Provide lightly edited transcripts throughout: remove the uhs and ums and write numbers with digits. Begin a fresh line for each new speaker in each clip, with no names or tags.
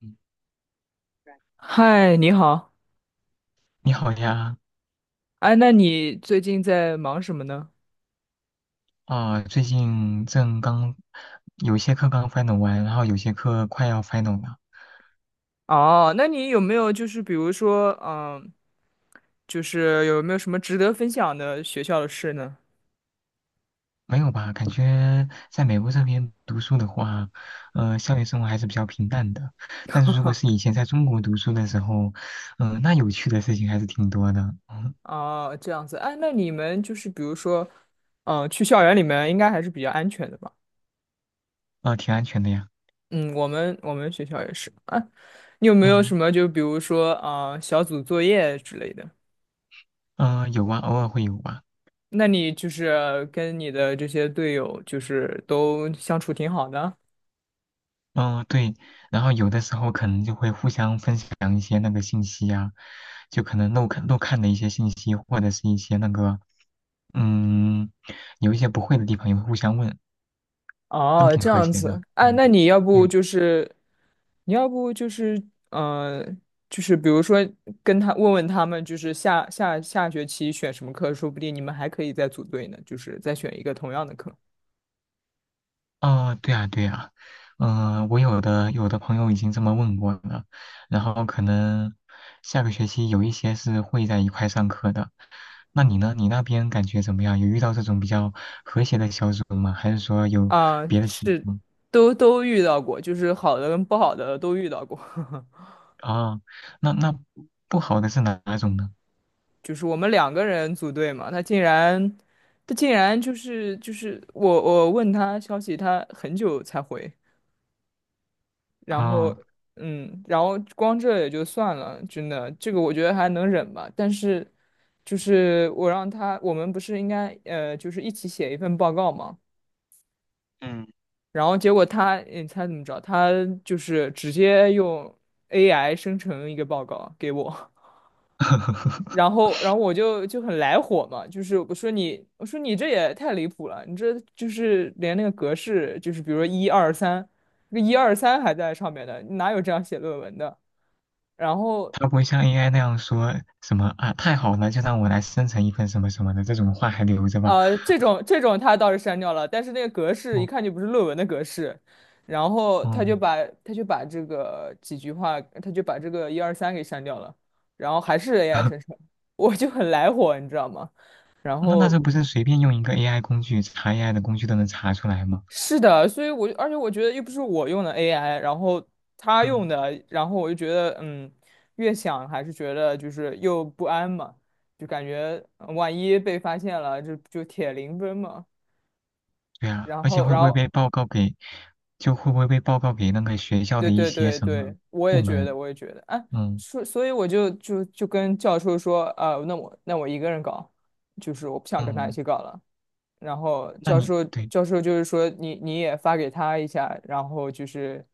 嗯。
嗨，你好。
你 Right 好呀，
哎，那你最近在忙什么呢？
啊、最近正刚有些课刚 final 完，然后有些课快要 final 了。
哦，那你有没有就是比如说，嗯，就是有没有什么值得分享的学校的事呢？
没有吧？感觉在美国这边读书的话，校园生活还是比较平淡的。但是如果是以前在中国读书的时候，那有趣的事情还是挺多的。嗯。
哦，这样子。哎，那你们就是比如说，嗯，去校园里面应该还是比较安全的吧？
啊、挺安全的呀。
嗯，我们学校也是。啊，你有没有什
嗯，
么就比如说，啊，小组作业之类的？
有啊，偶尔会有吧。
那你就是跟你的这些队友就是都相处挺好的？
嗯，对，然后有的时候可能就会互相分享一些那个信息呀、就可能漏看的一些信息，或者是一些那个，嗯，有一些不会的地方也会互相问，都
哦，
挺
这
和
样
谐的。
子，哎，
嗯，
那你要不
对。
就是，你要不就是，嗯、呃，就是比如说跟他问问他们，就是下学期选什么课，说不定你们还可以再组队呢，就是再选一个同样的课。
哦，对啊，对啊，我有的朋友已经这么问过了，然后可能下个学期有一些是会在一块上课的。那你呢？你那边感觉怎么样？有遇到这种比较和谐的小组吗？还是说有
啊、
别的情
是，
况？
都遇到过，就是好的跟不好的都遇到过。
啊，那不好的是哪种呢？
就是我们两个人组队嘛，他竟然，他竟然就是我问他消息，他很久才回。然后，
啊，
嗯，然后光这也就算了，真的，这个我觉得还能忍吧。但是，就是我让他，我们不是应该就是一起写一份报告嘛？
嗯，
然后结果他，你猜怎么着？他就是直接用 AI 生成一个报告给我，然后，然后我就很来火嘛，就是我说你，我说你这也太离谱了，你这就是连那个格式，就是比如说一二三，那一二三还在上面的，你哪有这样写论文的？然后
他不会像 AI 那样说什么啊，太好了，就让我来生成一份什么什么的这种话还留着吧。
这种他倒是删掉了，但是那个格式
哦，
一看就不是论文的格式，然后他就
嗯。
把他就把这个几句话，他就把这个一二三给删掉了，然后还是 AI 生 成，我就很来火，你知道吗？然
那
后
这不是随便用一个 AI 工具查 AI 的工具都能查出来吗？
是的，所以我就而且我觉得又不是我用的 AI,然后他用
嗯，
的，然后我就觉得嗯，越想还是觉得就是又不安嘛，就感觉万一被发现了，就铁零分嘛。
对啊，
然
而且
后，然后
会不会被报告给那个学校
对
的一
对
些
对
什么
对，我
部
也觉得，
门？
我也觉得，啊，
嗯。
所以我就跟教授说，啊，那我那我一个人搞，就是我不想跟他一
嗯。
起搞了。然后
那
教
你
授
对
教授就是说你也发给他一下，然后就是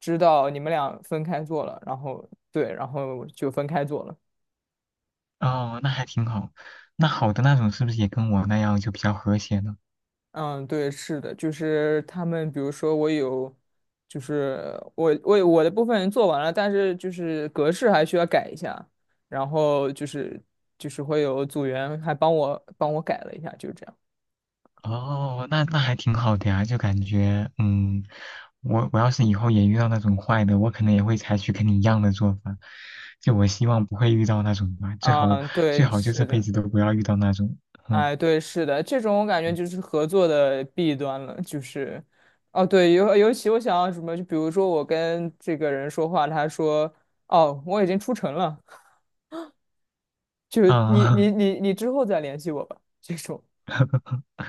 知道你们俩分开做了，然后对，然后就分开做了。
哦，那还挺好。那好的那种是不是也跟我那样就比较和谐呢？
嗯，对，是的，就是他们，比如说我有，就是我的部分做完了，但是就是格式还需要改一下，然后就是会有组员还帮我改了一下，就这样。
哦，那还挺好的呀，就感觉，我要是以后也遇到那种坏的，我可能也会采取跟你一样的做法，就我希望不会遇到那种吧，最好
嗯，
最
对，
好就
是
这辈
的，
子都不要遇到那种。嗯。
哎，对，是的，这种我感觉就是合作的弊端了，就是，哦，对，尤其我想要什么，就比如说我跟这个人说话，他说，哦，我已经出城了，就是你
啊。
你你你之后再联系我吧，这种。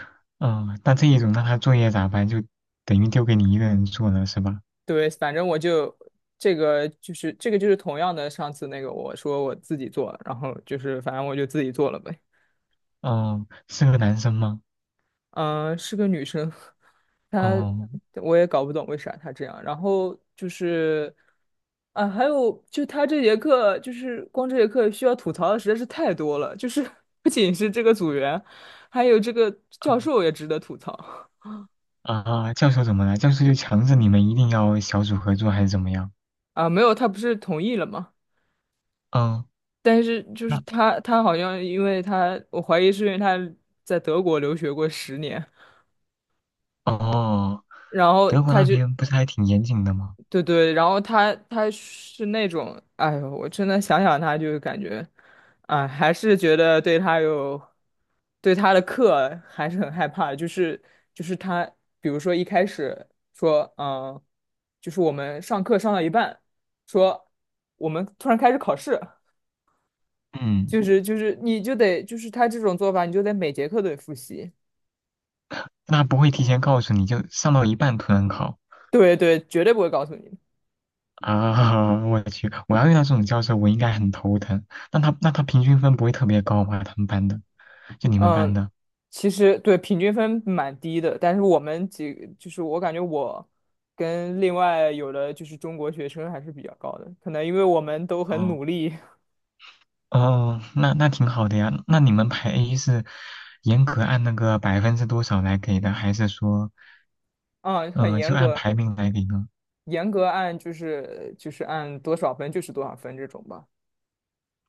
嗯，那这一种那他作业咋办？就等于丢给你一个人做了是吧？
对，反正我就这个就是同样的上次那个我说我自己做，然后就是反正我就自己做了呗。
哦，是个男生吗？
嗯、是个女生，她
哦。
我也搞不懂为啥她这样。然后就是啊，还有就她这节课就是光这节课需要吐槽的实在是太多了，就是 不仅是这个组员，还有这个教
啊
授也值得吐槽
啊，教授怎么了？教授就强制你们一定要小组合作还是怎么样？
啊。没有，他不是同意了吗？
嗯。
但是就是
那
他，他好像因为他，我怀疑是因为他在德国留学过十年，
哦。
然后
德国
他
那
就
边不是还挺严谨的吗？
对对，然后他他是那种，哎呦，我真的想想他就感觉，哎，还是觉得对他有，对他的课还是很害怕，就是就是他，比如说一开始说，嗯，就是我们上课上到一半，说我们突然开始考试。
嗯，
就是你就得就是他这种做法，你就得每节课都得复习。
那不会提前告诉你就上到一半突然考
对对，绝对不会告诉你的。
啊！我去，我要遇到这种教授，我应该很头疼。那他平均分不会特别高吧？他们班的，就你们班
嗯，
的。
其实对平均分蛮低的，但是我们几个就是我感觉我跟另外有的就是中国学生还是比较高的，可能因为我们都很
哦
努力，
哦，那挺好的呀。那你们排 A 是严格按那个百分之多少来给的，还是说
嗯，很
就
严
按
格，
排名来给呢？
严格按就是按多少分就是多少分这种吧。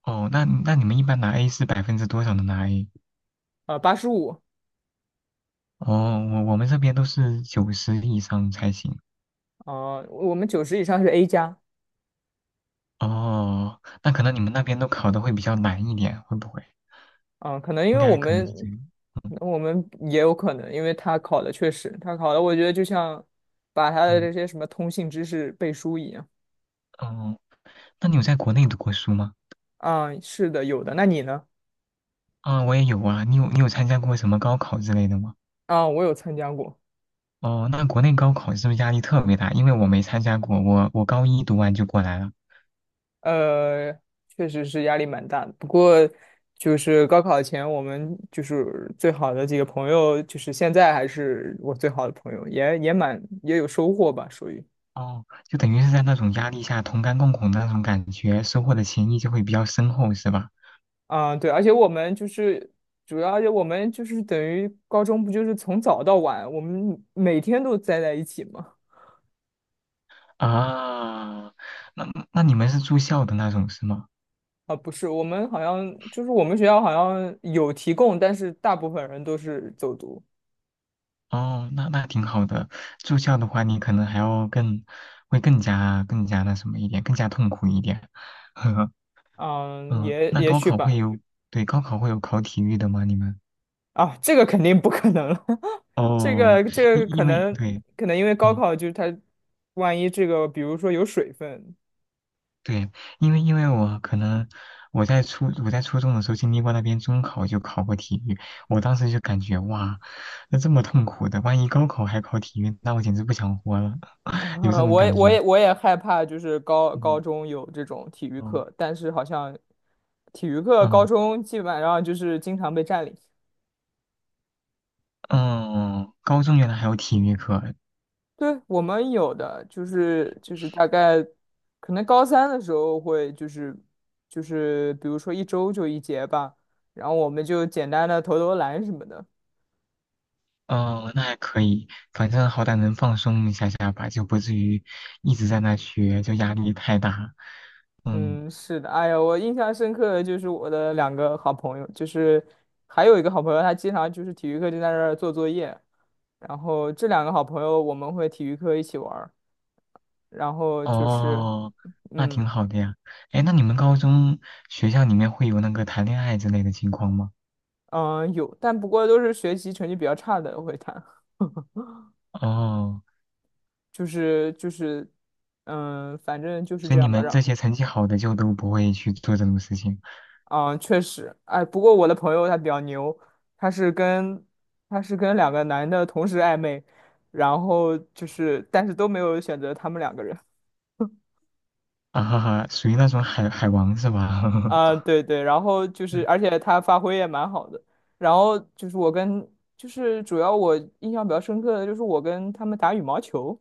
哦，那你们一般拿 A 是百分之多少能拿 A？
呃，八十五，
哦，我们这边都是九十以上才行。
呃，我们九十以上是 A 加。
哦，那可能你们那边都考的会比较难一点，会不会？
嗯，可能因
应
为我
该可能
们，
是这样。嗯
可能我们也有可能，因为他考的，我觉得就像把他的
嗯。
这些什么通信知识背书一样。
哦，那你有在国内读过书吗？
啊、是的，有的。那你呢？
啊，我也有啊。你有参加过什么高考之类的吗？
啊、我有参加过，
哦，那国内高考是不是压力特别大？因为我没参加过，我高一读完就过来了。
呃，确实是压力蛮大的。不过就是高考前，我们就是最好的几个朋友，就是现在还是我最好的朋友，也也蛮也有收获吧，属于。
哦，就等于是在那种压力下同甘共苦的那种感觉，收获的情谊就会比较深厚，是吧？
啊，对，而且我们就是等于高中不就是从早到晚，我们每天都待在一起吗？
啊，那你们是住校的那种是吗？
啊，不是，我们好像就是我们学校好像有提供，但是大部分人都是走读。
哦，那挺好的。住校的话，你可能还要更，会更加那什么一点，更加痛苦一点。呵呵。
嗯，
嗯，
也
那
也
高
许
考会
吧。
有，对，高考会有考体育的吗？你们？
啊，这个肯定不可能了，这
哦，
个这
因
个可
因为
能
对，
可能因为高
嗯，
考就是它，万一这个比如说有水分，
对，因为我可能我在初中的时候经历过那边中考就考过体育，我当时就感觉哇，那这么痛苦的，万一高考还考体育，那我简直不想活了。有这
啊，
种
我也
感
我
觉。
也我也害怕，就是高高
嗯。
中有这种体育
哦。
课，但是好像体育课高
嗯，
中基本上就是经常被占领。
嗯，高中原来还有体育课。
对，我们有的就是就是大概可能高三的时候会就是就是比如说一周就一节吧，然后我们就简单的投投篮什么的。
哦，那还可以，反正好歹能放松一下下吧，就不至于一直在那学，就压力太大。嗯。
嗯，是的，哎呀，我印象深刻的就是我的两个好朋友，就是还有一个好朋友，他经常就是体育课就在那儿做作业，然后这两个好朋友我们会体育课一起玩儿，然后就是，
哦，那
嗯
挺好的呀。哎，那你们高中学校里面会有那个谈恋爱之类的情况吗？
嗯、呃有，但不过都是学习成绩比较差的会谈，
哦，
就是就是，嗯、反正就是
所
这
以你
样吧，
们
让
这些成绩好的就都不会去做这种事情。
嗯，确实，哎，不过我的朋友他比较牛，他是跟他是跟两个男的同时暧昧，然后就是，但是都没有选择他们两个人。
啊哈哈，属于那种海王是吧？
啊、对对，然后就是，
嗯。
而且他发挥也蛮好的。然后就是我跟，就是主要我印象比较深刻的就是我跟他们打羽毛球，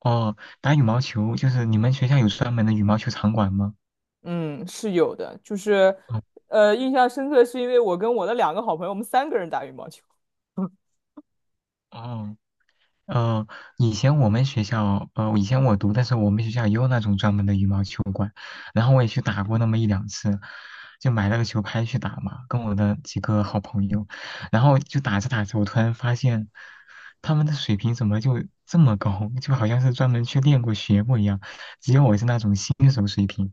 哦，打羽毛球就是你们学校有专门的羽毛球场馆吗？
嗯，是有的，就是，
哦
呃，印象深刻是因为我跟我的两个好朋友，我们三个人打羽毛球。
哦。呃，以前我们学校，以前我读的时候，我们学校也有那种专门的羽毛球馆，然后我也去打过那么一两次，就买了个球拍去打嘛，跟我的几个好朋友，然后就打着打着，我突然发现他们的水平怎么就这么高，就好像是专门去练过、学过一样，因为我是那种新手水平，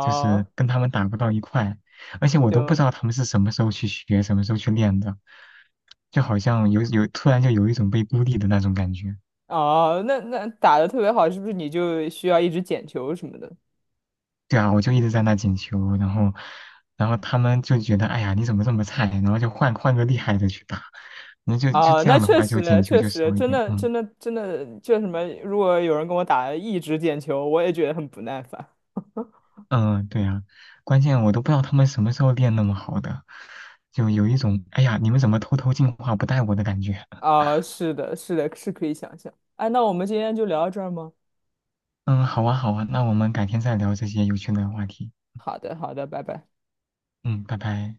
就是跟他们打不到一块，而且我都不知
行。
道他们是什么时候去学、什么时候去练的，就好像有突然就有一种被孤立的那种感觉。
哦，那那打的特别好，是不是你就需要一直捡球什么的？
对啊，我就一直在那捡球，然后，他们就觉得，哎呀，你怎么这么菜？然后就换个厉害的去打，那就
哦，
这
那
样的
确
话，就
实
捡球
确
就
实，
少一
真
点。
的
嗯。
真的真的，就什么，如果有人跟我打一直捡球，我也觉得很不耐烦。
嗯，对啊，关键我都不知道他们什么时候练那么好的，就有一种，哎呀，你们怎么偷偷进化不带我的感觉。
啊、是的，是的，是可以想象。哎，那我们今天就聊到这儿吗？
嗯，好啊好啊，那我们改天再聊这些有趣的话题。
好的，好的，拜拜。
嗯，拜拜。